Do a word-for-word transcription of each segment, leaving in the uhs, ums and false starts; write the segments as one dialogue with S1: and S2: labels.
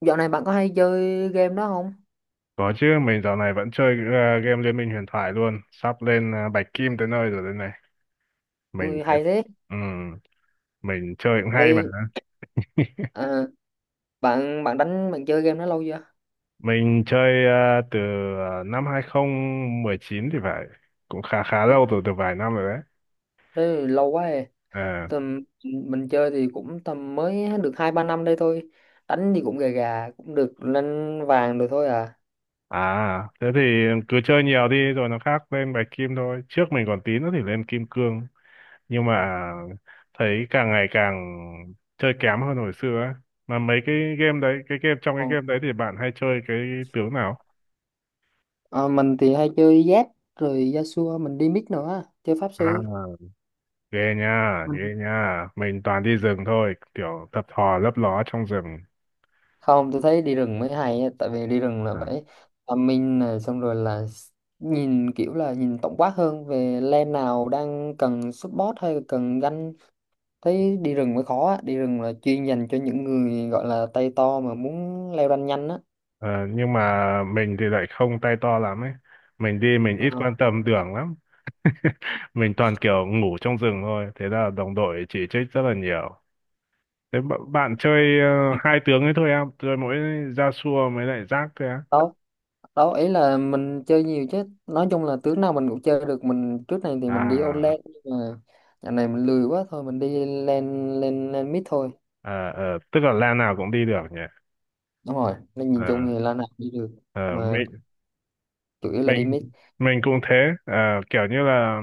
S1: Dạo này bạn có hay chơi game đó không?
S2: Có chứ, mình dạo này vẫn chơi ờ, game Liên minh huyền thoại luôn, sắp lên ờ, bạch kim tới nơi rồi đây này. Mình
S1: Ui
S2: thấy,
S1: hay thế.
S2: ừm, mình chơi cũng hay mà.
S1: Thì à, bạn bạn đánh, bạn chơi game đó lâu chưa?
S2: Mình chơi ờ, từ ờ, năm hai không một chín thì phải, cũng khá khá
S1: Ừ,
S2: lâu rồi, từ vài năm rồi đấy.
S1: thế thì lâu quá rồi.
S2: À,
S1: Tầm mình chơi thì cũng tầm mới được hai ba năm đây thôi. Đánh thì cũng gà gà cũng được lên vàng được thôi à.
S2: à, thế thì cứ chơi nhiều đi rồi nó khác lên bạch kim thôi. Trước mình còn tí nữa thì lên kim cương. Nhưng mà thấy càng ngày càng chơi kém hơn hồi xưa ấy. Mà mấy cái game đấy, cái game trong cái
S1: Ờ,
S2: game đấy thì bạn hay chơi cái tướng nào?
S1: ờ, mình thì hay chơi Z rồi Yasuo, mình đi mid nữa, chơi pháp
S2: À,
S1: sư.
S2: ghê nha, ghê nha. Mình toàn đi rừng thôi, kiểu thập thò lấp ló trong rừng.
S1: Không, tôi thấy đi rừng mới hay á, tại vì đi rừng là
S2: À,
S1: phải tâm minh này xong rồi là s- nhìn kiểu là nhìn tổng quát hơn về lem nào đang cần support hay là cần ganh. Thấy đi rừng mới khó á. Đi rừng là chuyên dành cho những người gọi là tay to mà muốn leo ranh nhanh á.
S2: ờ, nhưng mà mình thì lại không tay to lắm ấy. Mình đi mình
S1: Ờ,
S2: ít quan tâm đường lắm. Mình toàn kiểu ngủ trong rừng thôi. Thế là đồng đội chỉ trích rất là nhiều. Thế bạn, bạn chơi ờ, hai tướng ấy thôi à? Chơi mỗi Yasuo mới lại rác thôi á.
S1: đó đó ý là mình chơi nhiều, chứ nói chung là tướng nào mình cũng chơi được. Mình trước này thì mình đi all
S2: À,
S1: lane, nhưng mà dạo này mình lười quá, thôi mình đi lên lên lên mid thôi.
S2: ờ, ờ, tức là lan nào cũng đi được nhỉ.
S1: Đúng rồi, nên nhìn chung
S2: Ờ,
S1: thì là nào đi được
S2: ờ,
S1: mà
S2: mình,
S1: chủ yếu là đi
S2: mình,
S1: mid.
S2: mình cũng thế. Ờ, kiểu như là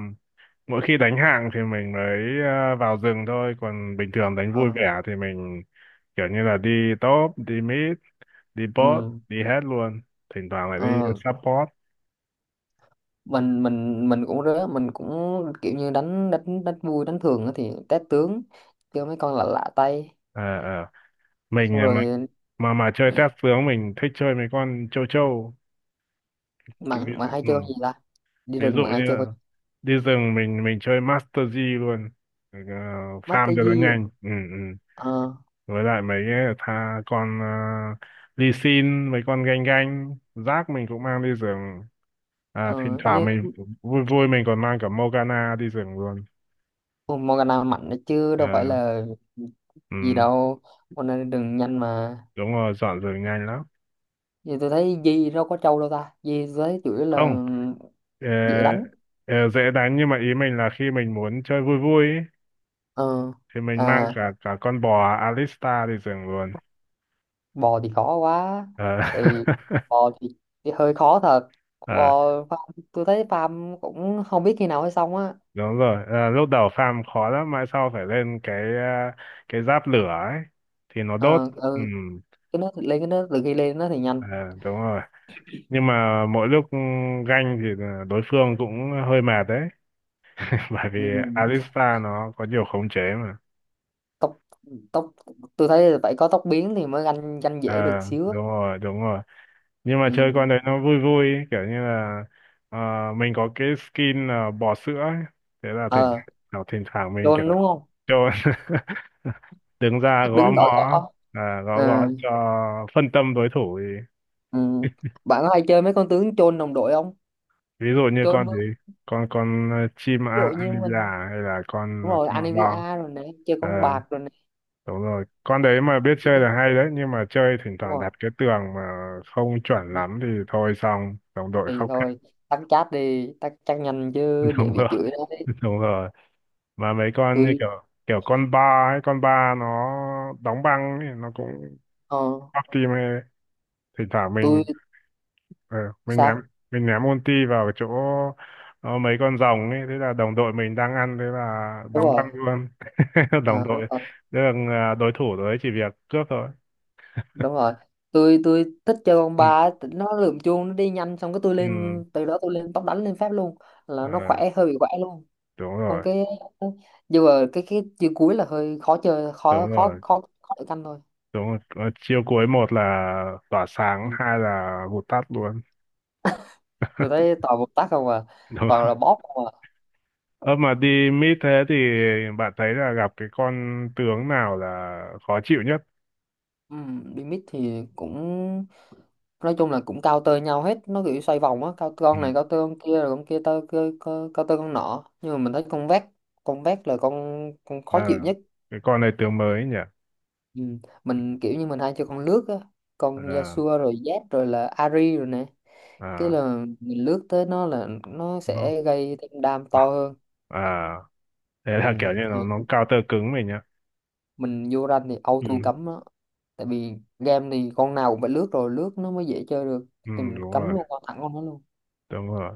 S2: mỗi khi đánh hạng thì mình mới ờ, vào rừng thôi. Còn bình thường đánh vui
S1: ờ,
S2: vẻ thì mình kiểu như là đi top, đi mid, đi bot,
S1: ừ,
S2: đi hết luôn. Thỉnh thoảng lại đi
S1: ờ,
S2: support.
S1: mình mình mình cũng rớ, mình cũng kiểu như đánh đánh đánh vui, đánh thường á thì test tướng, chơi mấy con lạ lạ tay.
S2: Ờ, ờ. Mình
S1: Xong
S2: mà
S1: rồi
S2: mà mà chơi test tướng mình thích chơi mấy con châu châu kiểu ví
S1: bạn bạn
S2: dụ,
S1: hay
S2: ừ.
S1: chơi con gì ta? Đi
S2: Ví
S1: rừng
S2: dụ
S1: bạn
S2: như
S1: hay chơi con
S2: là đi rừng mình mình chơi Master G luôn. Ờ,
S1: mắt
S2: farm
S1: cái
S2: cho nó
S1: gì à?
S2: nhanh, ừ, ừ.
S1: ờ
S2: Với lại mấy cái tha con uh, Lee Sin mấy con ganh ganh rác mình cũng mang đi rừng. À, thỉnh
S1: ờ
S2: thoảng
S1: Như
S2: mình vui vui mình còn mang cả Morgana đi rừng luôn.
S1: Morgana mạnh đó chứ
S2: Ờ,
S1: đâu phải là gì
S2: ừ.
S1: đâu, con này đừng nhanh mà.
S2: Đúng rồi dọn rừng nhanh lắm.
S1: Như tôi thấy Di đâu có trâu đâu ta, Di tôi thấy chủ yếu là
S2: Không, ờ,
S1: dễ đánh.
S2: ờ, dễ đánh nhưng mà ý mình là khi mình muốn chơi vui vui ý,
S1: ờ
S2: thì mình
S1: à
S2: mang cả cả con bò Alistar đi rừng luôn.
S1: Bò thì khó quá.
S2: Ờ.
S1: thì Bò thì, thì hơi khó thật.
S2: ờ,
S1: Bò farm, tôi thấy farm cũng không biết khi nào mới xong á.
S2: Đúng rồi. Ờ, lúc đầu farm khó lắm mãi sau phải lên cái, ờ, cái giáp lửa ấy thì nó đốt,
S1: Ờ,
S2: ừ.
S1: ừ, cái nó lên, cái nó từ khi lên nó thì nhanh.
S2: ờ, Đúng rồi, nhưng mà mỗi lúc ừ, ganh thì là đối phương cũng hơi mệt đấy. Bởi vì
S1: Ừ.
S2: Alistar nó có nhiều khống chế mà.
S1: tốc tốc, tôi thấy là phải có tốc biến thì mới ganh ganh
S2: Ờ,
S1: dễ được xíu á.
S2: đúng rồi đúng rồi, nhưng mà chơi
S1: Ừ.
S2: con đấy nó vui vui ấy, kiểu như là ờ, mình có cái skin là bò sữa ấy. Thế là thỉnh
S1: Ờ,
S2: thoảng thỉnh thoảng mình kiểu
S1: chôn đúng không?
S2: trôn. Đứng ra gõ
S1: Đứng gọi
S2: mõ.
S1: gõ.
S2: À, gõ
S1: Ờ,
S2: gõ cho phân tâm đối thủ thì
S1: ừ. Bạn có hay chơi mấy con tướng chôn đồng đội không?
S2: ví dụ như
S1: Chôn
S2: con gì,
S1: vương,
S2: con con ờ, chim
S1: ví
S2: a-
S1: dụ như
S2: Anivia
S1: mình.
S2: hay là con
S1: Đúng
S2: ờ,
S1: rồi
S2: con
S1: Anivia,
S2: bò.
S1: rồi nè, chơi
S2: Ờ,
S1: con bạc rồi nè.
S2: đúng rồi con đấy mà biết chơi là hay đấy nhưng mà chơi thỉnh
S1: Đúng
S2: thoảng
S1: rồi.
S2: đạp cái tường mà không chuẩn
S1: Ừ.
S2: lắm thì thôi xong đồng đội
S1: Thì
S2: khóc.
S1: thôi tắt chat đi, tắt chat nhanh chứ để
S2: Đúng
S1: bị
S2: rồi
S1: chửi đấy.
S2: đúng rồi, mà mấy con như
S1: Tôi
S2: kiểu kiểu con ba hay con ba nó đóng băng ấy, nó cũng
S1: ờ,
S2: bóc tim. Hay thỉnh thoảng
S1: tôi
S2: mình ờ, mình ném
S1: sao
S2: mình ném ulti vào chỗ, ờ, mấy con rồng ấy thế là đồng đội mình đang ăn thế là
S1: Đúng
S2: đóng
S1: rồi.
S2: băng luôn. Đồng
S1: Ờ, đúng
S2: đội.
S1: rồi
S2: Thế là ờ, đối thủ đấy chỉ việc cướp thôi.
S1: đúng rồi tôi Tôi thích chơi con
S2: Ừ,
S1: ba ấy, tính nó lượm chuông nó đi nhanh, xong cái tôi
S2: ừ,
S1: lên, từ đó tôi lên tóc đánh lên phép luôn, là
S2: ờ,
S1: nó khỏe, hơi bị khỏe luôn.
S2: đúng
S1: Xong
S2: rồi
S1: cái, nhưng mà cái cái chữ cuối là hơi khó chơi,
S2: đúng
S1: khó khó
S2: rồi
S1: khó khó để canh thôi.
S2: đúng rồi. Ờ, chiêu cuối, một là tỏa sáng
S1: Ừ.
S2: hai là vụt tắt luôn.
S1: Tôi thấy toàn một tác không à,
S2: Đúng.
S1: toàn là bóp không à.
S2: Ơ mà đi mít thế thì bạn thấy là gặp cái con tướng nào là khó chịu nhất?
S1: Ừ, limit thì cũng nói chung là cũng cao tơ nhau hết, nó kiểu xoay vòng á, cao
S2: Ừ.
S1: con này cao tơ con kia, rồi con kia tơ cơ cơ- cao tơ con nọ, nhưng mà mình thấy con vét, con vét là con con
S2: Ờ,
S1: khó chịu nhất.
S2: cái con này tướng mới nhỉ?
S1: Ừ. Mình kiểu như mình hay chơi con lướt á, con
S2: Ờ,
S1: Yasuo rồi Zed rồi là Ahri rồi nè, cái
S2: à,
S1: là mình lướt tới nó là nó
S2: nó,
S1: sẽ gây thêm đam
S2: à,
S1: to hơn.
S2: à, thế
S1: Ừ.
S2: là kiểu như nó nó
S1: Ừ.
S2: counter cứng mình nhá.
S1: Mình vô rank thì
S2: Ừ.
S1: auto cấm đó, tại vì game thì con nào cũng phải lướt, rồi lướt nó mới dễ chơi được,
S2: Ừ,
S1: thì mình
S2: đúng
S1: cấm
S2: rồi,
S1: luôn con thẳng con nó luôn.
S2: đúng rồi.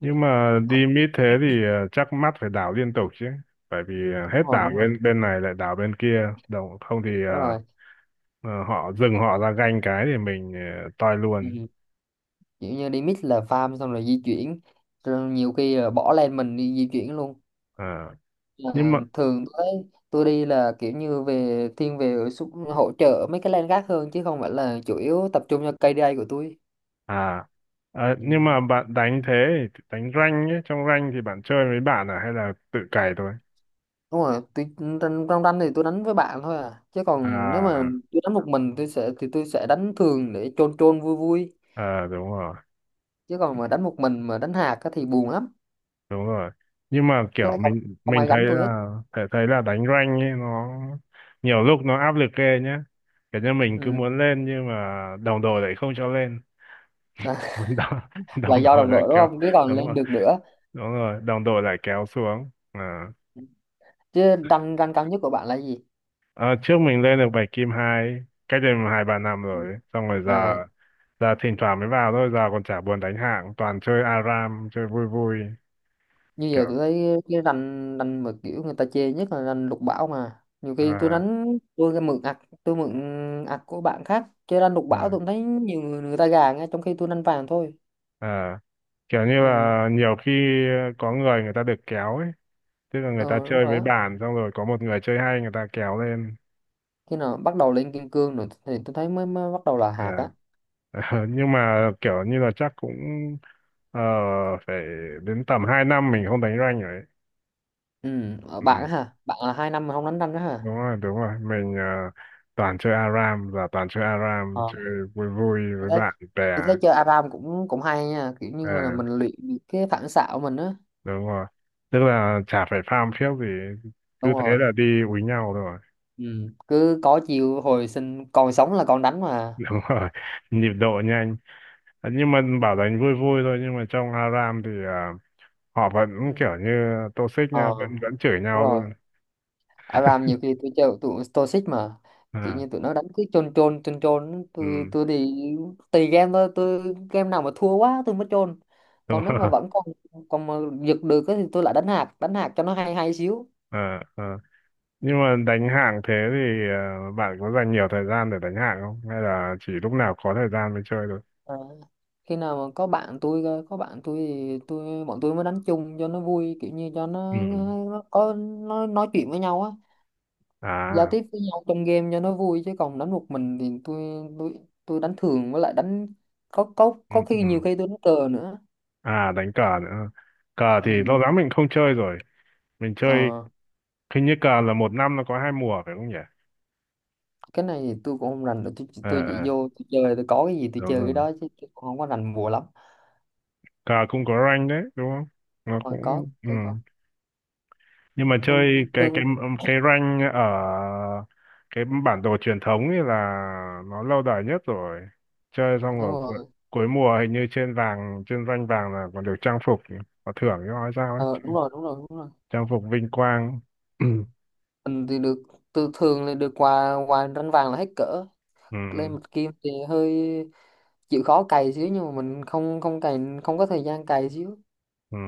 S2: Nhưng mà đi mid thế thì ờ, chắc mắt phải đảo liên tục chứ. Bởi vì ờ, hết
S1: Đúng rồi
S2: đảo
S1: đúng rồi
S2: bên bên này lại đảo bên kia. Đồng, không thì
S1: đúng
S2: ờ,
S1: rồi.
S2: ờ, họ dừng họ ra ganh cái thì mình ờ, toi luôn.
S1: Ừ. Kiểu như đi mix là farm xong rồi di chuyển, rồi nhiều khi là bỏ lên mình đi di chuyển luôn.
S2: Ờ. nhưng
S1: Ờ,
S2: mà
S1: thường tôi tôi đi là kiểu như về thiên về xúc, hỗ trợ mấy cái lane khác hơn chứ không phải là chủ yếu tập trung cho ca đê a của tôi.
S2: à ờ,
S1: Ừ.
S2: nhưng mà bạn đánh thế thì đánh rank ấy, trong rank thì bạn chơi với bạn à hay là tự cày thôi
S1: Đúng rồi tôi, trong trong rank thì tôi đánh với bạn thôi à, chứ còn nếu mà
S2: à?
S1: tôi đánh một mình, tôi sẽ thì tôi sẽ đánh thường để chôn chôn vui vui,
S2: ờ, Đúng rồi
S1: chứ còn mà đánh một mình mà đánh hạt á thì buồn lắm.
S2: đúng rồi, nhưng mà
S1: Với
S2: kiểu
S1: lại không,
S2: mình
S1: không
S2: mình
S1: ai
S2: thấy
S1: gánh tôi hết.
S2: là thấy thấy là đánh rank ấy nó nhiều lúc nó áp lực ghê nhá, kiểu như mình cứ
S1: Ừ.
S2: muốn lên nhưng mà đồng đội lại không cho lên. Đồng,
S1: Là
S2: đồng
S1: do
S2: đội
S1: đồng
S2: lại
S1: đội, đúng
S2: kéo,
S1: không, chứ còn
S2: đúng
S1: lên
S2: rồi
S1: được nữa
S2: đúng rồi đồng đội lại kéo xuống à.
S1: chứ. Rank, rank cao nhất của bạn là gì?
S2: Ờ, trước mình lên được bảy kim hai cách đây mà hai ba năm
S1: Ừ.
S2: rồi xong rồi
S1: À,
S2: giờ giờ thỉnh thoảng mới vào thôi, giờ còn chả buồn đánh hạng toàn chơi ARAM chơi vui vui,
S1: như
S2: kiểu
S1: giờ tôi thấy cái rank rank mà kiểu người ta chê nhất là rank lục bảo, mà nhiều khi tôi
S2: à,
S1: đánh, tôi cái mượn ạc, tôi mượn ạc của bạn khác chơi rank lục
S2: ờ,
S1: bảo, tôi cũng thấy nhiều người, người ta gà, ngay trong khi tôi đánh vàng thôi.
S2: ờ. kiểu như
S1: Ừ.
S2: là nhiều khi có người người ta được kéo ấy, tức là người ta
S1: Ờ đúng
S2: chơi
S1: rồi
S2: với
S1: á.
S2: bạn xong rồi có một người chơi hay người ta kéo lên.
S1: Khi nào bắt đầu lên kim cương rồi thì tôi thấy mới, mới bắt đầu là hạt á.
S2: Ờ, nhưng mà kiểu như là chắc cũng ờ, phải đến tầm hai năm mình không đánh rank rồi ấy.
S1: Ừ. Ở
S2: Ừ.
S1: bạn á hả, bạn là hai năm mà không đánh rank á hả?
S2: Đúng rồi đúng rồi mình ờ, toàn chơi ARAM và toàn chơi ARAM chơi vui vui
S1: Tôi
S2: với
S1: thấy,
S2: bạn bè.
S1: tôi thấy chơi a ram cũng cũng hay nha, kiểu
S2: Ờ,
S1: như là mình luyện được cái phản xạ của mình á.
S2: đúng rồi, tức là chả phải farm phiếc gì
S1: Đúng
S2: cứ thế
S1: rồi.
S2: là đi úi nhau rồi.
S1: Ừ. Cứ có chiều hồi sinh, còn sống là còn đánh mà.
S2: Đúng rồi, nhịp độ nhanh. Ờ, nhưng mà bảo đánh vui vui thôi nhưng mà trong ARAM thì ờ, họ vẫn
S1: Ừ.
S2: kiểu như toxic
S1: Ờ
S2: nha, vẫn vẫn chửi
S1: đúng
S2: nhau
S1: rồi.
S2: luôn.
S1: a ram nhiều khi tôi chơi tụi Stoic mà, kiểu
S2: Ờ,
S1: như tụi nó đánh cứ chôn chôn chôn chôn, tôi
S2: ừ,
S1: tôi thì tùy game thôi, tôi game nào mà thua quá tôi mới chôn,
S2: đúng
S1: còn nếu mà
S2: rồi.
S1: vẫn còn, còn mà giật được á thì tôi lại đánh hạt, đánh hạt cho nó hay hay xíu.
S2: Ờ, ờ. Nhưng mà đánh hạng thế thì ờ, bạn có dành nhiều thời gian để đánh hạng không hay là chỉ lúc nào có thời gian mới chơi thôi?
S1: À, khi nào mà có bạn tôi cơ, có bạn tôi thì tôi bọn tôi mới đánh chung cho nó vui, kiểu như cho
S2: Ừ.
S1: nó, nó có nó nói chuyện với nhau á, giao
S2: À
S1: tiếp với nhau trong game cho nó vui. Chứ còn đánh một mình thì tôi tôi tôi đánh thường, với lại đánh có có
S2: ừ,
S1: có khi nhiều
S2: ừ.
S1: khi tôi đánh cờ nữa.
S2: À, đánh cờ nữa. Cờ thì lâu
S1: Ừ.
S2: lắm mình không chơi rồi. Mình chơi,
S1: Ờ,
S2: hình như cờ là một năm nó có hai mùa phải không nhỉ?
S1: cái này thì tôi cũng không rành được tôi,
S2: Ờ,
S1: tôi chỉ
S2: ờ,
S1: vô tôi chơi, tôi có cái gì tôi
S2: đúng
S1: chơi cái
S2: rồi,
S1: đó chứ tôi cũng không có rành bùa lắm.
S2: cờ cũng có rank đấy đúng không, nó
S1: Ờ, có
S2: cũng, ừ.
S1: tôi có.
S2: Nhưng mà
S1: ừ,
S2: chơi cái cái
S1: tôi-
S2: cái rank ở cái bản đồ truyền thống ấy là nó lâu đời nhất rồi. Chơi xong
S1: Đúng
S2: rồi
S1: rồi.
S2: cu- cuối mùa hình như trên vàng, trên rank vàng là còn được trang phục, có thưởng cho nói sao ấy,
S1: Ờ, đúng rồi đúng rồi đúng rồi.
S2: trang phục vinh quang.
S1: Mình thì được, từ thường là được quà, quà ranh vàng là hết cỡ.
S2: Ừ.
S1: Lên mặt kim thì hơi chịu khó cày xíu, nhưng mà mình không, không cày, không có thời gian cày xíu.
S2: Ừ.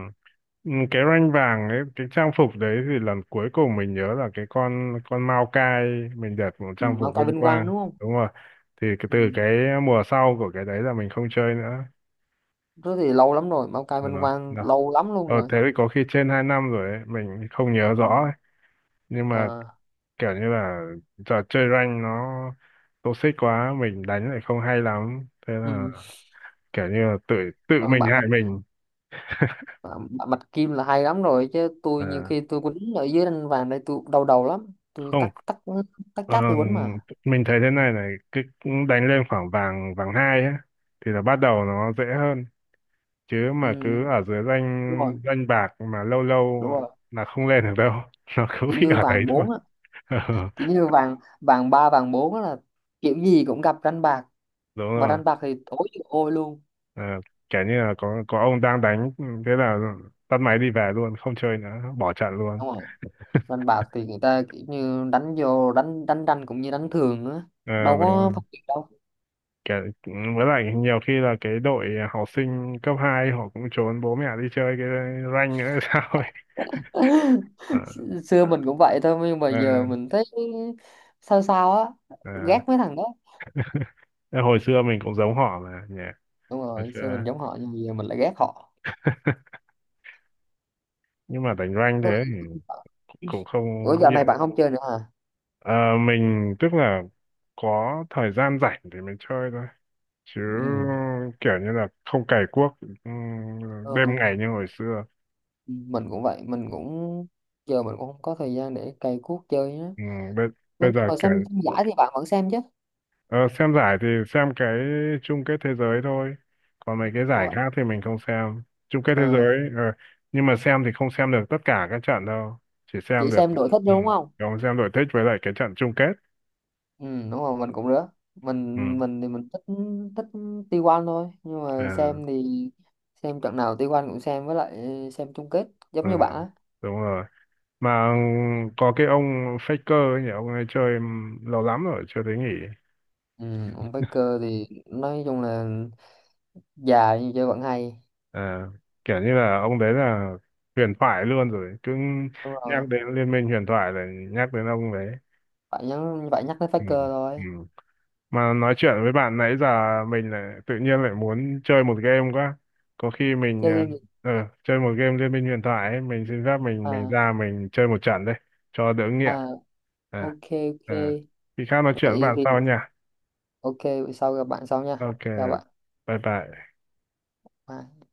S2: Ừ, cái rank vàng ấy cái trang phục đấy thì lần cuối cùng mình nhớ là cái con con Mao Cai, mình đẹp một
S1: Ừ,
S2: trang
S1: Mau
S2: phục
S1: cày
S2: vinh
S1: vinh quang
S2: quang
S1: đúng không?
S2: đúng rồi. Thì cái,
S1: Ừ.
S2: từ cái mùa sau của cái đấy là mình không chơi nữa.
S1: Thế thì lâu lắm rồi, Mau cày
S2: Đúng
S1: vinh
S2: rồi.
S1: quang lâu lắm luôn
S2: Ờ
S1: rồi.
S2: thế thì có khi trên hai năm rồi ấy, mình không nhớ
S1: Ừ.
S2: rõ ấy. Nhưng mà
S1: Ờ,
S2: kiểu như là giờ chơi rank nó toxic quá, mình đánh lại không hay lắm. Thế là
S1: ừ.
S2: kiểu như là tự tự
S1: Ờ,
S2: mình
S1: bạn
S2: hại
S1: mặt
S2: mình.
S1: bạn, bạn mặt kim là hay lắm rồi, chứ tôi nhiều
S2: Ờ,
S1: khi tôi quýnh ở dưới ranh vàng đây tôi đau đầu lắm. tôi
S2: không,
S1: tắt tắt tắt
S2: ờ,
S1: chat tôi quýnh mà.
S2: mình thấy thế này này, cứ đánh lên khoảng vàng vàng hai ấy, thì là bắt đầu nó dễ hơn. Chứ mà
S1: Ừ.
S2: cứ ở dưới rank
S1: đúng rồi
S2: rank bạc mà lâu lâu
S1: đúng rồi
S2: là không lên được đâu. Nó cứ
S1: Kiểu
S2: bị
S1: như
S2: ở đấy
S1: vàng
S2: thôi.
S1: bốn,
S2: Ờ,
S1: kiểu như vàng vàng ba vàng bốn là kiểu gì cũng gặp đánh bạc,
S2: đúng
S1: và
S2: rồi.
S1: đánh bạc thì tối như ôi luôn.
S2: Ờ, kiểu như là có có ông đang đánh, ừ, thế là tắt máy đi về luôn không chơi nữa, bỏ trận luôn.
S1: Đúng không? Đánh bạc thì người ta kiểu như đánh vô, đánh đánh tranh cũng như đánh thường á,
S2: Ờ,
S1: đâu
S2: đúng
S1: có
S2: rồi.
S1: phân biệt đâu.
S2: Kiểu, ừ, với lại nhiều khi là cái đội học sinh cấp hai họ cũng trốn bố mẹ đi chơi cái rank nữa hay sao ấy. Ờ,
S1: S- xưa mình cũng vậy thôi, nhưng mà
S2: ờ,
S1: giờ mình thấy sao sao á,
S2: ờ.
S1: ghét mấy thằng đó.
S2: Thế hồi xưa mình cũng giống họ mà nhỉ,
S1: Đúng
S2: hồi
S1: rồi, xưa mình
S2: xưa.
S1: giống họ nhưng mà giờ mình lại ghét họ.
S2: Nhưng mà đánh rank thế thì cũng không
S1: Ủa dạo
S2: điện.
S1: này bạn không chơi nữa hả?
S2: Ờ, mình tức là có thời gian rảnh thì mình chơi thôi chứ
S1: Ừ.
S2: kiểu như là không cày cuốc
S1: Ờ,
S2: ừm, đêm ngày như hồi xưa.
S1: mình cũng vậy, mình cũng giờ mình cũng không có thời gian để cày cuốc chơi á.
S2: Ừ, bây,
S1: Ủa,
S2: bây
S1: nhưng
S2: giờ
S1: mà
S2: kiểu
S1: xem, xem giải thì bạn vẫn xem chứ?
S2: ờ, xem giải thì xem cái chung kết thế giới thôi, còn mấy cái giải
S1: Ủa,
S2: khác thì mình không xem. Chung kết thế
S1: ờ,
S2: giới, ờ, nhưng mà xem thì không xem được tất cả các trận đâu, chỉ xem
S1: chị
S2: được,
S1: xem đội thích
S2: ừ,
S1: đúng không?
S2: không, xem đội thích với lại cái trận chung kết.
S1: Ừ, đúng rồi mình cũng rứa.
S2: Ừ,
S1: Mình mình thì mình thích, thích ti oăn thôi, nhưng
S2: ờ,
S1: mà xem thì xem trận nào tê một cũng xem, với lại xem chung kết
S2: ờ,
S1: giống như bạn á.
S2: đúng rồi. Mà có cái ông Faker ấy nhỉ, ông ấy chơi lâu lắm rồi chưa thấy nghỉ.
S1: Ừ, ông Baker thì nói chung là già nhưng chơi vẫn hay.
S2: À, kiểu như là ông đấy là huyền thoại luôn rồi, cứ
S1: Đúng rồi,
S2: nhắc đến liên minh huyền thoại là nhắc đến ông đấy.
S1: phải nhắc, phải nhắc đến
S2: Ừ.
S1: Faker
S2: Ừ.
S1: thôi.
S2: Mà nói chuyện với bạn nãy giờ mình lại tự nhiên lại muốn chơi một game quá, có khi mình
S1: Chơi
S2: à,
S1: game gì?
S2: ờ, chơi một game liên minh huyền thoại ấy, mình xin phép mình mình
S1: À,
S2: ra mình chơi một trận đây cho đỡ nghiện.
S1: à,
S2: à,
S1: ok, ok.
S2: à. Khi khác nói chuyện với
S1: Vậy
S2: bạn
S1: thì
S2: sau nha.
S1: ok, vậy sau gặp bạn sau nha,
S2: Ok,
S1: chào bạn.
S2: bye bye.
S1: Bye.